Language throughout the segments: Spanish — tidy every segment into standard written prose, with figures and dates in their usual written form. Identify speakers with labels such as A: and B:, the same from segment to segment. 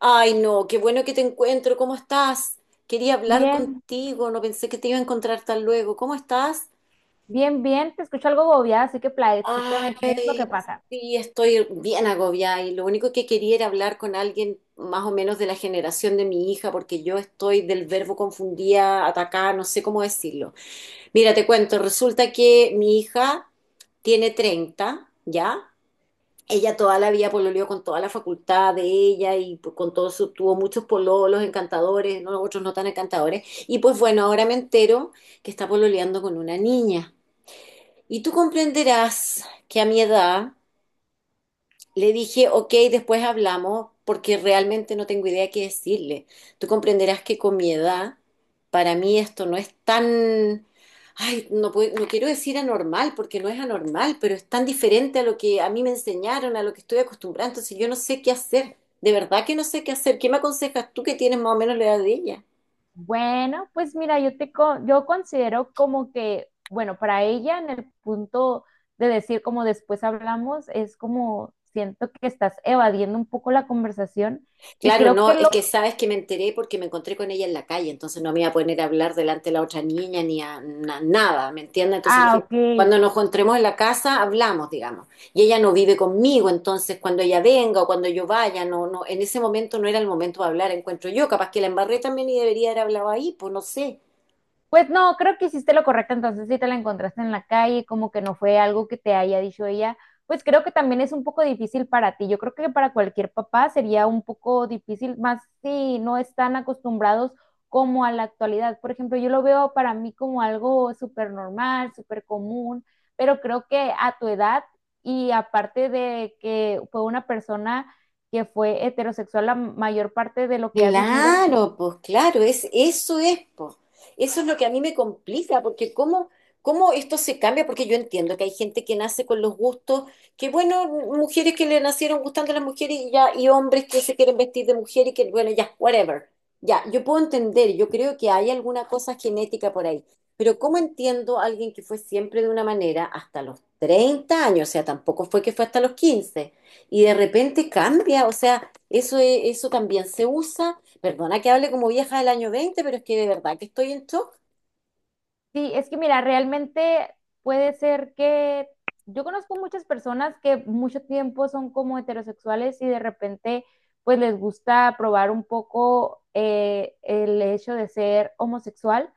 A: Ay, no, qué bueno que te encuentro. ¿Cómo estás? Quería hablar
B: Bien,
A: contigo, no pensé que te iba a encontrar tan luego. ¿Cómo estás?
B: bien, bien, te escucho algo bobeada, así que platícame qué es lo que
A: Ay,
B: pasa.
A: sí, estoy bien agobiada y lo único que quería era hablar con alguien más o menos de la generación de mi hija, porque yo estoy del verbo confundía, atacar, no sé cómo decirlo. Mira, te cuento, resulta que mi hija tiene 30, ¿ya? Ella toda la vida pololeó con toda la facultad de ella y pues, con todo su, tuvo muchos pololos encantadores, ¿no? Otros no tan encantadores. Y pues bueno, ahora me entero que está pololeando con una niña. Y tú comprenderás que a mi edad le dije, ok, después hablamos porque realmente no tengo idea qué decirle. Tú comprenderás que con mi edad, para mí esto no es tan, ay, no, no quiero decir anormal porque no es anormal, pero es tan diferente a lo que a mí me enseñaron, a lo que estoy acostumbrada. Entonces yo no sé qué hacer. De verdad que no sé qué hacer. ¿Qué me aconsejas tú que tienes más o menos la edad de ella?
B: Bueno, pues mira, yo considero como que, bueno, para ella en el punto de decir como después hablamos, es como siento que estás evadiendo un poco la conversación y
A: Claro,
B: creo
A: no,
B: que
A: es
B: lo...
A: que sabes que me enteré porque me encontré con ella en la calle, entonces no me iba a poner a hablar delante de la otra niña ni a nada, ¿me entiendes? Entonces le
B: Ah,
A: dije,
B: ok.
A: cuando nos encontremos en la casa, hablamos, digamos. Y ella no vive conmigo, entonces cuando ella venga o cuando yo vaya, no, no, en ese momento no era el momento de hablar, encuentro yo, capaz que la embarré también y debería haber hablado ahí, pues no sé.
B: Pues no, creo que hiciste lo correcto, entonces si te la encontraste en la calle, como que no fue algo que te haya dicho ella, pues creo que también es un poco difícil para ti. Yo creo que para cualquier papá sería un poco difícil, más si no están acostumbrados como a la actualidad. Por ejemplo, yo lo veo para mí como algo súper normal, súper común, pero creo que a tu edad y aparte de que fue una persona que fue heterosexual la mayor parte de lo que ha vivido.
A: Claro, pues claro, es, eso es, pues. Eso es lo que a mí me complica, porque cómo, cómo esto se cambia, porque yo entiendo que hay gente que nace con los gustos, que bueno, mujeres que le nacieron gustando a las mujeres y ya, y hombres que se quieren vestir de mujer y que bueno, ya, whatever. Ya, yo puedo entender, yo creo que hay alguna cosa genética por ahí, pero ¿cómo entiendo a alguien que fue siempre de una manera hasta los 30 años? O sea, tampoco fue que fue hasta los 15 y de repente cambia, o sea... Eso, eso también se usa. Perdona que hable como vieja del año 20 pero es que de verdad que estoy en shock.
B: Sí, es que mira, realmente puede ser que yo conozco muchas personas que mucho tiempo son como heterosexuales y de repente pues les gusta probar un poco el hecho de ser homosexual,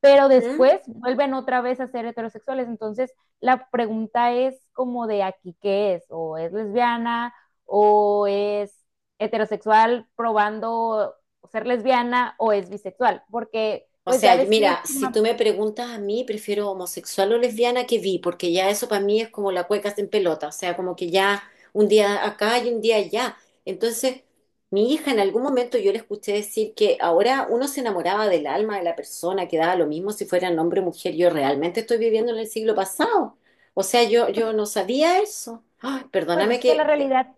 B: pero
A: ¿Mm?
B: después vuelven otra vez a ser heterosexuales. Entonces la pregunta es como de aquí qué es, o es lesbiana o es heterosexual probando ser lesbiana o es bisexual, porque
A: O
B: pues ya
A: sea,
B: ves que
A: mira, si tú
B: última-
A: me preguntas a mí, prefiero homosexual o lesbiana que vi, porque ya eso para mí es como la cueca en pelota, o sea, como que ya un día acá y un día allá. Entonces, mi hija en algún momento yo le escuché decir que ahora uno se enamoraba del alma de la persona, que daba lo mismo si fueran hombre o mujer. Yo realmente estoy viviendo en el siglo pasado. O sea, yo no sabía eso. Ay,
B: Pues
A: perdóname
B: es que la
A: que...
B: realidad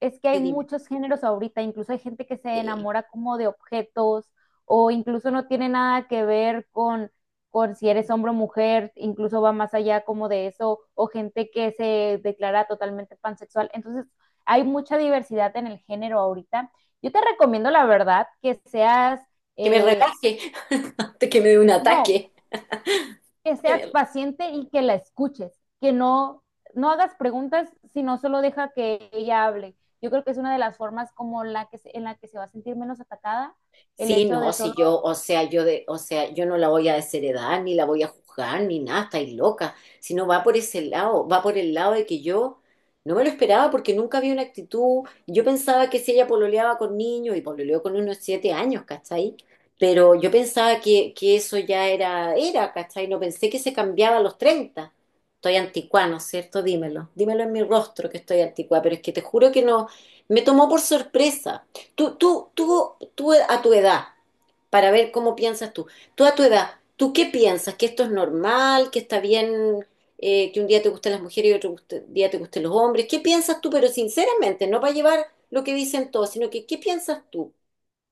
B: es que hay
A: Que dime.
B: muchos géneros ahorita, incluso hay gente que se
A: Sí.
B: enamora como de objetos o incluso no tiene nada que ver con si eres hombre o mujer, incluso va más allá como de eso, o gente que se declara totalmente pansexual. Entonces, hay mucha diversidad en el género ahorita. Yo te recomiendo, la verdad, que seas,
A: Que me
B: eh,
A: relaje, antes que me dé un
B: no,
A: ataque.
B: que
A: Que
B: seas
A: me.
B: paciente y que la escuches, que no, no hagas preguntas, sino solo deja que ella hable. Yo creo que es una de las formas como la que, en la que se va a sentir menos atacada, el
A: Sí,
B: hecho
A: no,
B: de solo
A: si yo, o sea, yo de, o sea, yo no la voy a desheredar, ni la voy a juzgar, ni nada, estáis loca. Si no va por ese lado, va por el lado de que yo no me lo esperaba porque nunca había una actitud. Yo pensaba que si ella pololeaba con niños, y pololeó con unos 7 años, ¿cachai? Pero yo pensaba que eso ya era, era, ¿cachai? No pensé que se cambiaba a los 30. Estoy anticuá, ¿no es cierto? Dímelo, dímelo en mi rostro que estoy anticuá, pero es que te juro que no, me tomó por sorpresa. Tú a tu edad, para ver cómo piensas tú, tú a tu edad, ¿tú qué piensas? ¿Que esto es normal? ¿Que está bien que un día te gusten las mujeres y otro día te gusten los hombres? ¿Qué piensas tú? Pero sinceramente, no para llevar lo que dicen todos, sino que ¿qué piensas tú?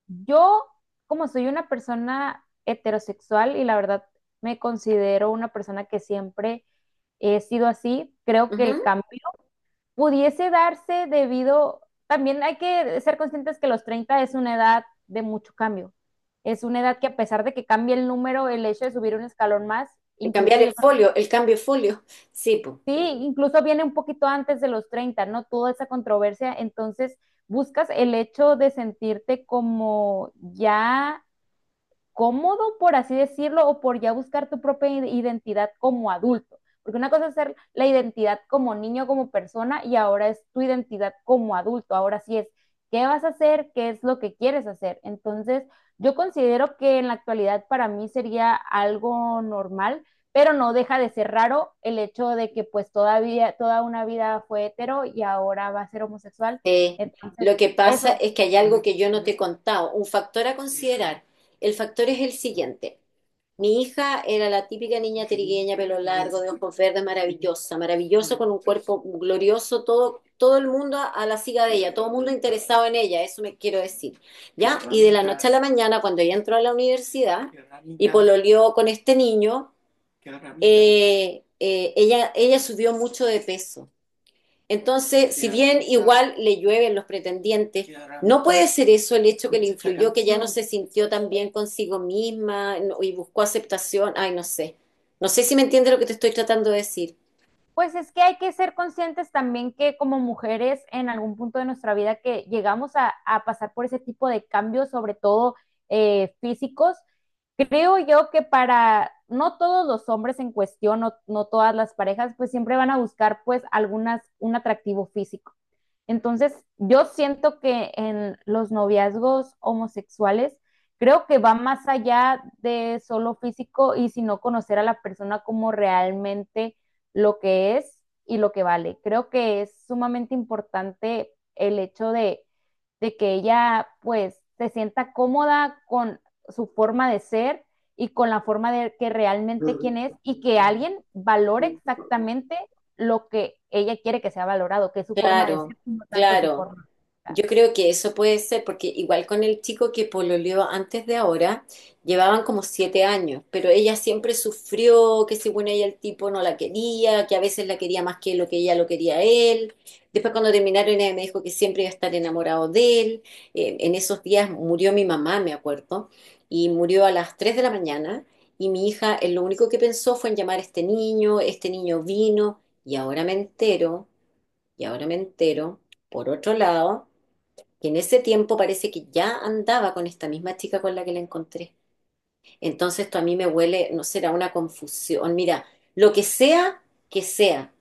B: yo, como soy una persona heterosexual y la verdad me considero una persona que siempre he sido así, creo que el
A: Ujú.
B: cambio pudiese darse debido, también hay que ser conscientes que los 30 es una edad de mucho cambio. Es una edad que a pesar de que cambie el número, el hecho de subir un escalón más,
A: El
B: incluso
A: cambiar el
B: yo creo,
A: folio, el cambio de folio. Sí, pues.
B: sí, incluso viene un poquito antes de los 30, ¿no? Toda esa controversia, entonces buscas el hecho de sentirte como ya cómodo, por así decirlo, o por ya buscar tu propia identidad como adulto. Porque una cosa es ser la identidad como niño, como persona, y ahora es tu identidad como adulto. Ahora sí es qué vas a hacer, qué es lo que quieres hacer. Entonces, yo considero que en la actualidad para mí sería algo normal, pero no deja de ser raro el hecho de que pues todavía, toda una vida fue hetero y ahora va a ser homosexual.
A: Eh,
B: Entonces,
A: lo que pasa
B: eso.
A: es que hay algo que yo no te he contado, un factor a considerar. El factor es el siguiente. Mi hija era la típica niña trigueña, pelo largo, de ojos verdes, maravillosa, maravillosa, con un cuerpo glorioso, todo, todo el mundo a la siga de ella, todo el mundo interesado en ella, eso me quiero decir. ¿Ya? Y de la noche a la mañana, cuando ella entró a la universidad y pololeó con este niño, ella subió mucho de peso. Entonces, si bien igual le llueven los pretendientes, ¿no puede ser eso el hecho que le influyó, que ya no se sintió tan bien consigo misma y buscó aceptación? Ay, no sé. No sé si me entiende lo que te estoy tratando de decir.
B: Pues es que hay que ser conscientes también que como mujeres en algún punto de nuestra vida que llegamos a pasar por ese tipo de cambios, sobre todo físicos, creo yo que para no todos los hombres en cuestión, no, no todas las parejas, pues siempre van a buscar pues algunas, un atractivo físico. Entonces, yo siento que en los noviazgos homosexuales, creo que va más allá de solo físico y sino conocer a la persona como realmente lo que es y lo que vale. Creo que es sumamente importante el hecho de que ella pues se sienta cómoda con su forma de ser y con la forma de que realmente quién es y que alguien valore exactamente lo que ella quiere que sea valorado, que es su forma de
A: Claro,
B: ser, no tanto su
A: claro.
B: forma de estar.
A: Yo creo que eso puede ser, porque igual con el chico que pololeó antes de ahora, llevaban como 7 años, pero ella siempre sufrió que según ella el tipo no la quería, que a veces la quería más que lo que ella lo quería a él. Después cuando terminaron ella me dijo que siempre iba a estar enamorado de él. En esos días murió mi mamá, me acuerdo, y murió a las 3 de la mañana, y mi hija lo único que pensó fue en llamar a este niño vino, y ahora me entero, y ahora me entero, por otro lado que en ese tiempo parece que ya andaba con esta misma chica con la que la encontré. Entonces esto a mí me huele, no será una confusión. Mira, lo que sea,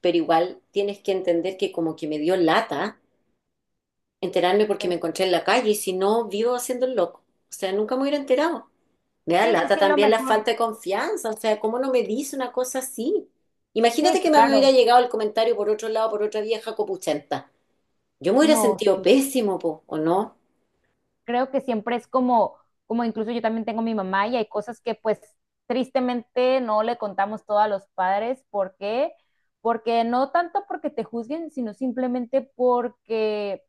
A: pero igual tienes que entender que como que me dio lata enterarme porque
B: Pues,
A: me encontré en la calle y si no, vivo haciendo el loco. O sea, nunca me hubiera enterado. Me da
B: sí, sí,
A: lata
B: sí, lo
A: también la falta
B: mejor.
A: de confianza, o sea, ¿cómo no me dice una cosa así? Imagínate
B: Sí,
A: que me hubiera
B: claro.
A: llegado el comentario por otro lado, por otra vieja copuchenta. Yo me hubiera
B: No,
A: sentido
B: sí.
A: pésimo, po, ¿o no?
B: Creo que siempre es como incluso yo también tengo mi mamá y hay cosas que pues tristemente no le contamos todo a los padres. ¿Por qué? Porque no tanto porque te juzguen, sino simplemente porque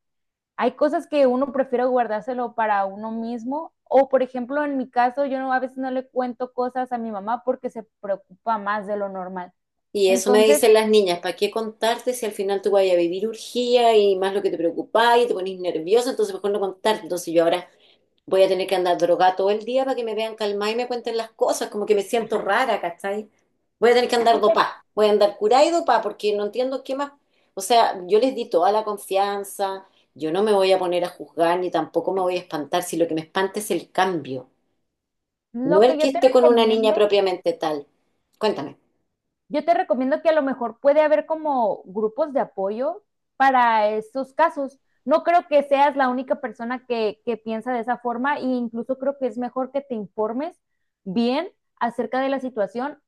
B: hay cosas que uno prefiere guardárselo para uno mismo. O, por ejemplo, en mi caso, yo no, a veces no le cuento cosas a mi mamá porque se preocupa más de lo normal.
A: Y eso me
B: Entonces,
A: dicen las niñas, ¿para qué contarte si al final tú vas a vivir urgía y más lo que te preocupa y te pones nerviosa? Entonces mejor no contarte. Entonces yo ahora voy a tener que andar drogada todo el día para que me vean calmada y me cuenten las cosas, como que me siento rara, ¿cachai? Voy a tener que
B: yo
A: andar
B: te-
A: dopá, voy a andar curada y dopá porque no entiendo qué más. O sea, yo les di toda la confianza, yo no me voy a poner a juzgar ni tampoco me voy a espantar si lo que me espanta es el cambio, no
B: lo que
A: el que
B: yo te
A: esté con una niña
B: recomiendo,
A: propiamente tal. Cuéntame.
B: yo te recomiendo que a lo mejor puede haber como grupos de apoyo para estos casos. No creo que seas la única persona que piensa de esa forma e incluso creo que es mejor que te informes bien acerca de la situación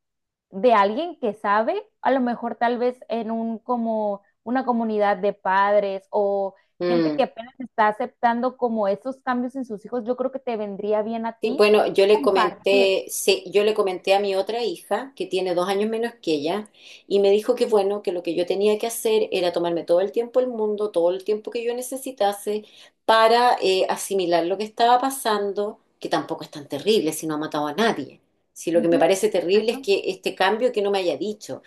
B: de alguien que sabe, a lo mejor tal vez en un como una comunidad de padres o gente
A: Mm.
B: que apenas está aceptando como esos cambios en sus hijos, yo creo que te vendría bien a
A: Sí,
B: ti
A: bueno, yo le
B: compartir.
A: comenté, sí, yo le comenté a mi otra hija, que tiene 2 años menos que ella, y me dijo que bueno, que lo que yo tenía que hacer era tomarme todo el tiempo del mundo, todo el tiempo que yo necesitase para asimilar lo que estaba pasando, que tampoco es tan terrible si no ha matado a nadie. Si lo que me
B: Ujú.
A: parece terrible es
B: Exacto.
A: que este cambio que no me haya dicho.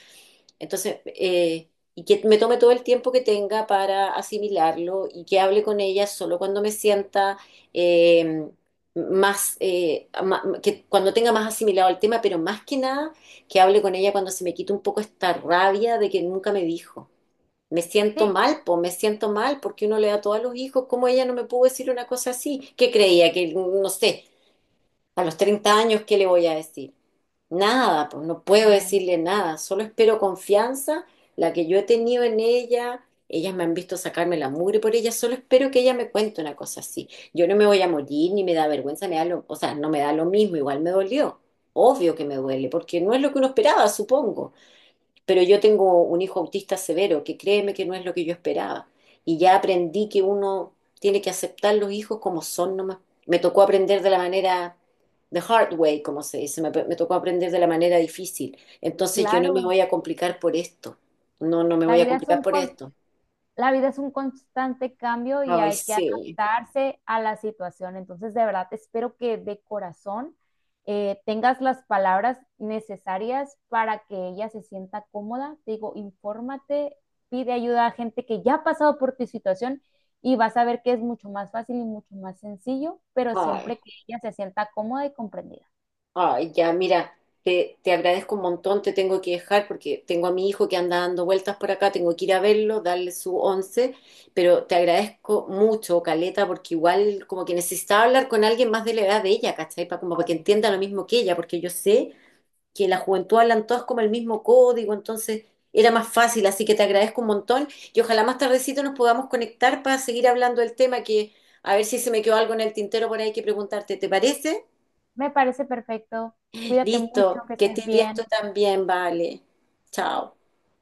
A: Entonces, y que me tome todo el tiempo que tenga para asimilarlo y que hable con ella solo cuando me sienta eh, que cuando tenga más asimilado el tema, pero más que nada que hable con ella cuando se me quite un poco esta rabia de que nunca me dijo. Me siento
B: Sí,
A: mal, pues me siento mal porque uno le da todo a los hijos, ¿cómo ella no me pudo decir una cosa así? ¿Qué creía? Que, no sé, a los 30 años, ¿qué le voy a decir? Nada, pues no puedo
B: claro.
A: decirle nada, solo espero confianza, la que yo he tenido en ella, ellas me han visto sacarme la mugre por ella, solo espero que ella me cuente una cosa así. Yo no me voy a morir, ni me da vergüenza, o sea, no me da lo mismo, igual me dolió. Obvio que me duele, porque no es lo que uno esperaba, supongo. Pero yo tengo un hijo autista severo, que créeme que no es lo que yo esperaba. Y ya aprendí que uno tiene que aceptar los hijos como son nomás. Me tocó aprender de la manera, the hard way, como se dice, me tocó aprender de la manera difícil. Entonces yo no me
B: Claro,
A: voy a complicar por esto. No, no me
B: la
A: voy a
B: vida es
A: complicar
B: un,
A: por
B: con-
A: esto.
B: la vida es un constante cambio y
A: Ay,
B: hay que
A: sí.
B: adaptarse a la situación. Entonces, de verdad, espero que de corazón tengas las palabras necesarias para que ella se sienta cómoda. Te digo, infórmate, pide ayuda a gente que ya ha pasado por tu situación y vas a ver que es mucho más fácil y mucho más sencillo, pero siempre
A: Ay.
B: que ella se sienta cómoda y comprendida.
A: Ay, ya, mira, te agradezco un montón, te tengo que dejar porque tengo a mi hijo que anda dando vueltas por acá, tengo que ir a verlo, darle su once, pero te agradezco mucho, Caleta, porque igual como que necesitaba hablar con alguien más de la edad de ella, ¿cachai? Como para que entienda lo mismo que ella, porque yo sé que en la juventud hablan todas como el mismo código, entonces era más fácil, así que te agradezco un montón y ojalá más tardecito nos podamos conectar para seguir hablando del tema que a ver si se me quedó algo en el tintero por ahí que preguntarte, ¿te parece?
B: Me parece perfecto. Cuídate mucho,
A: Listo,
B: que
A: que
B: estés
A: estés bien tú
B: bien.
A: también, vale. Chao.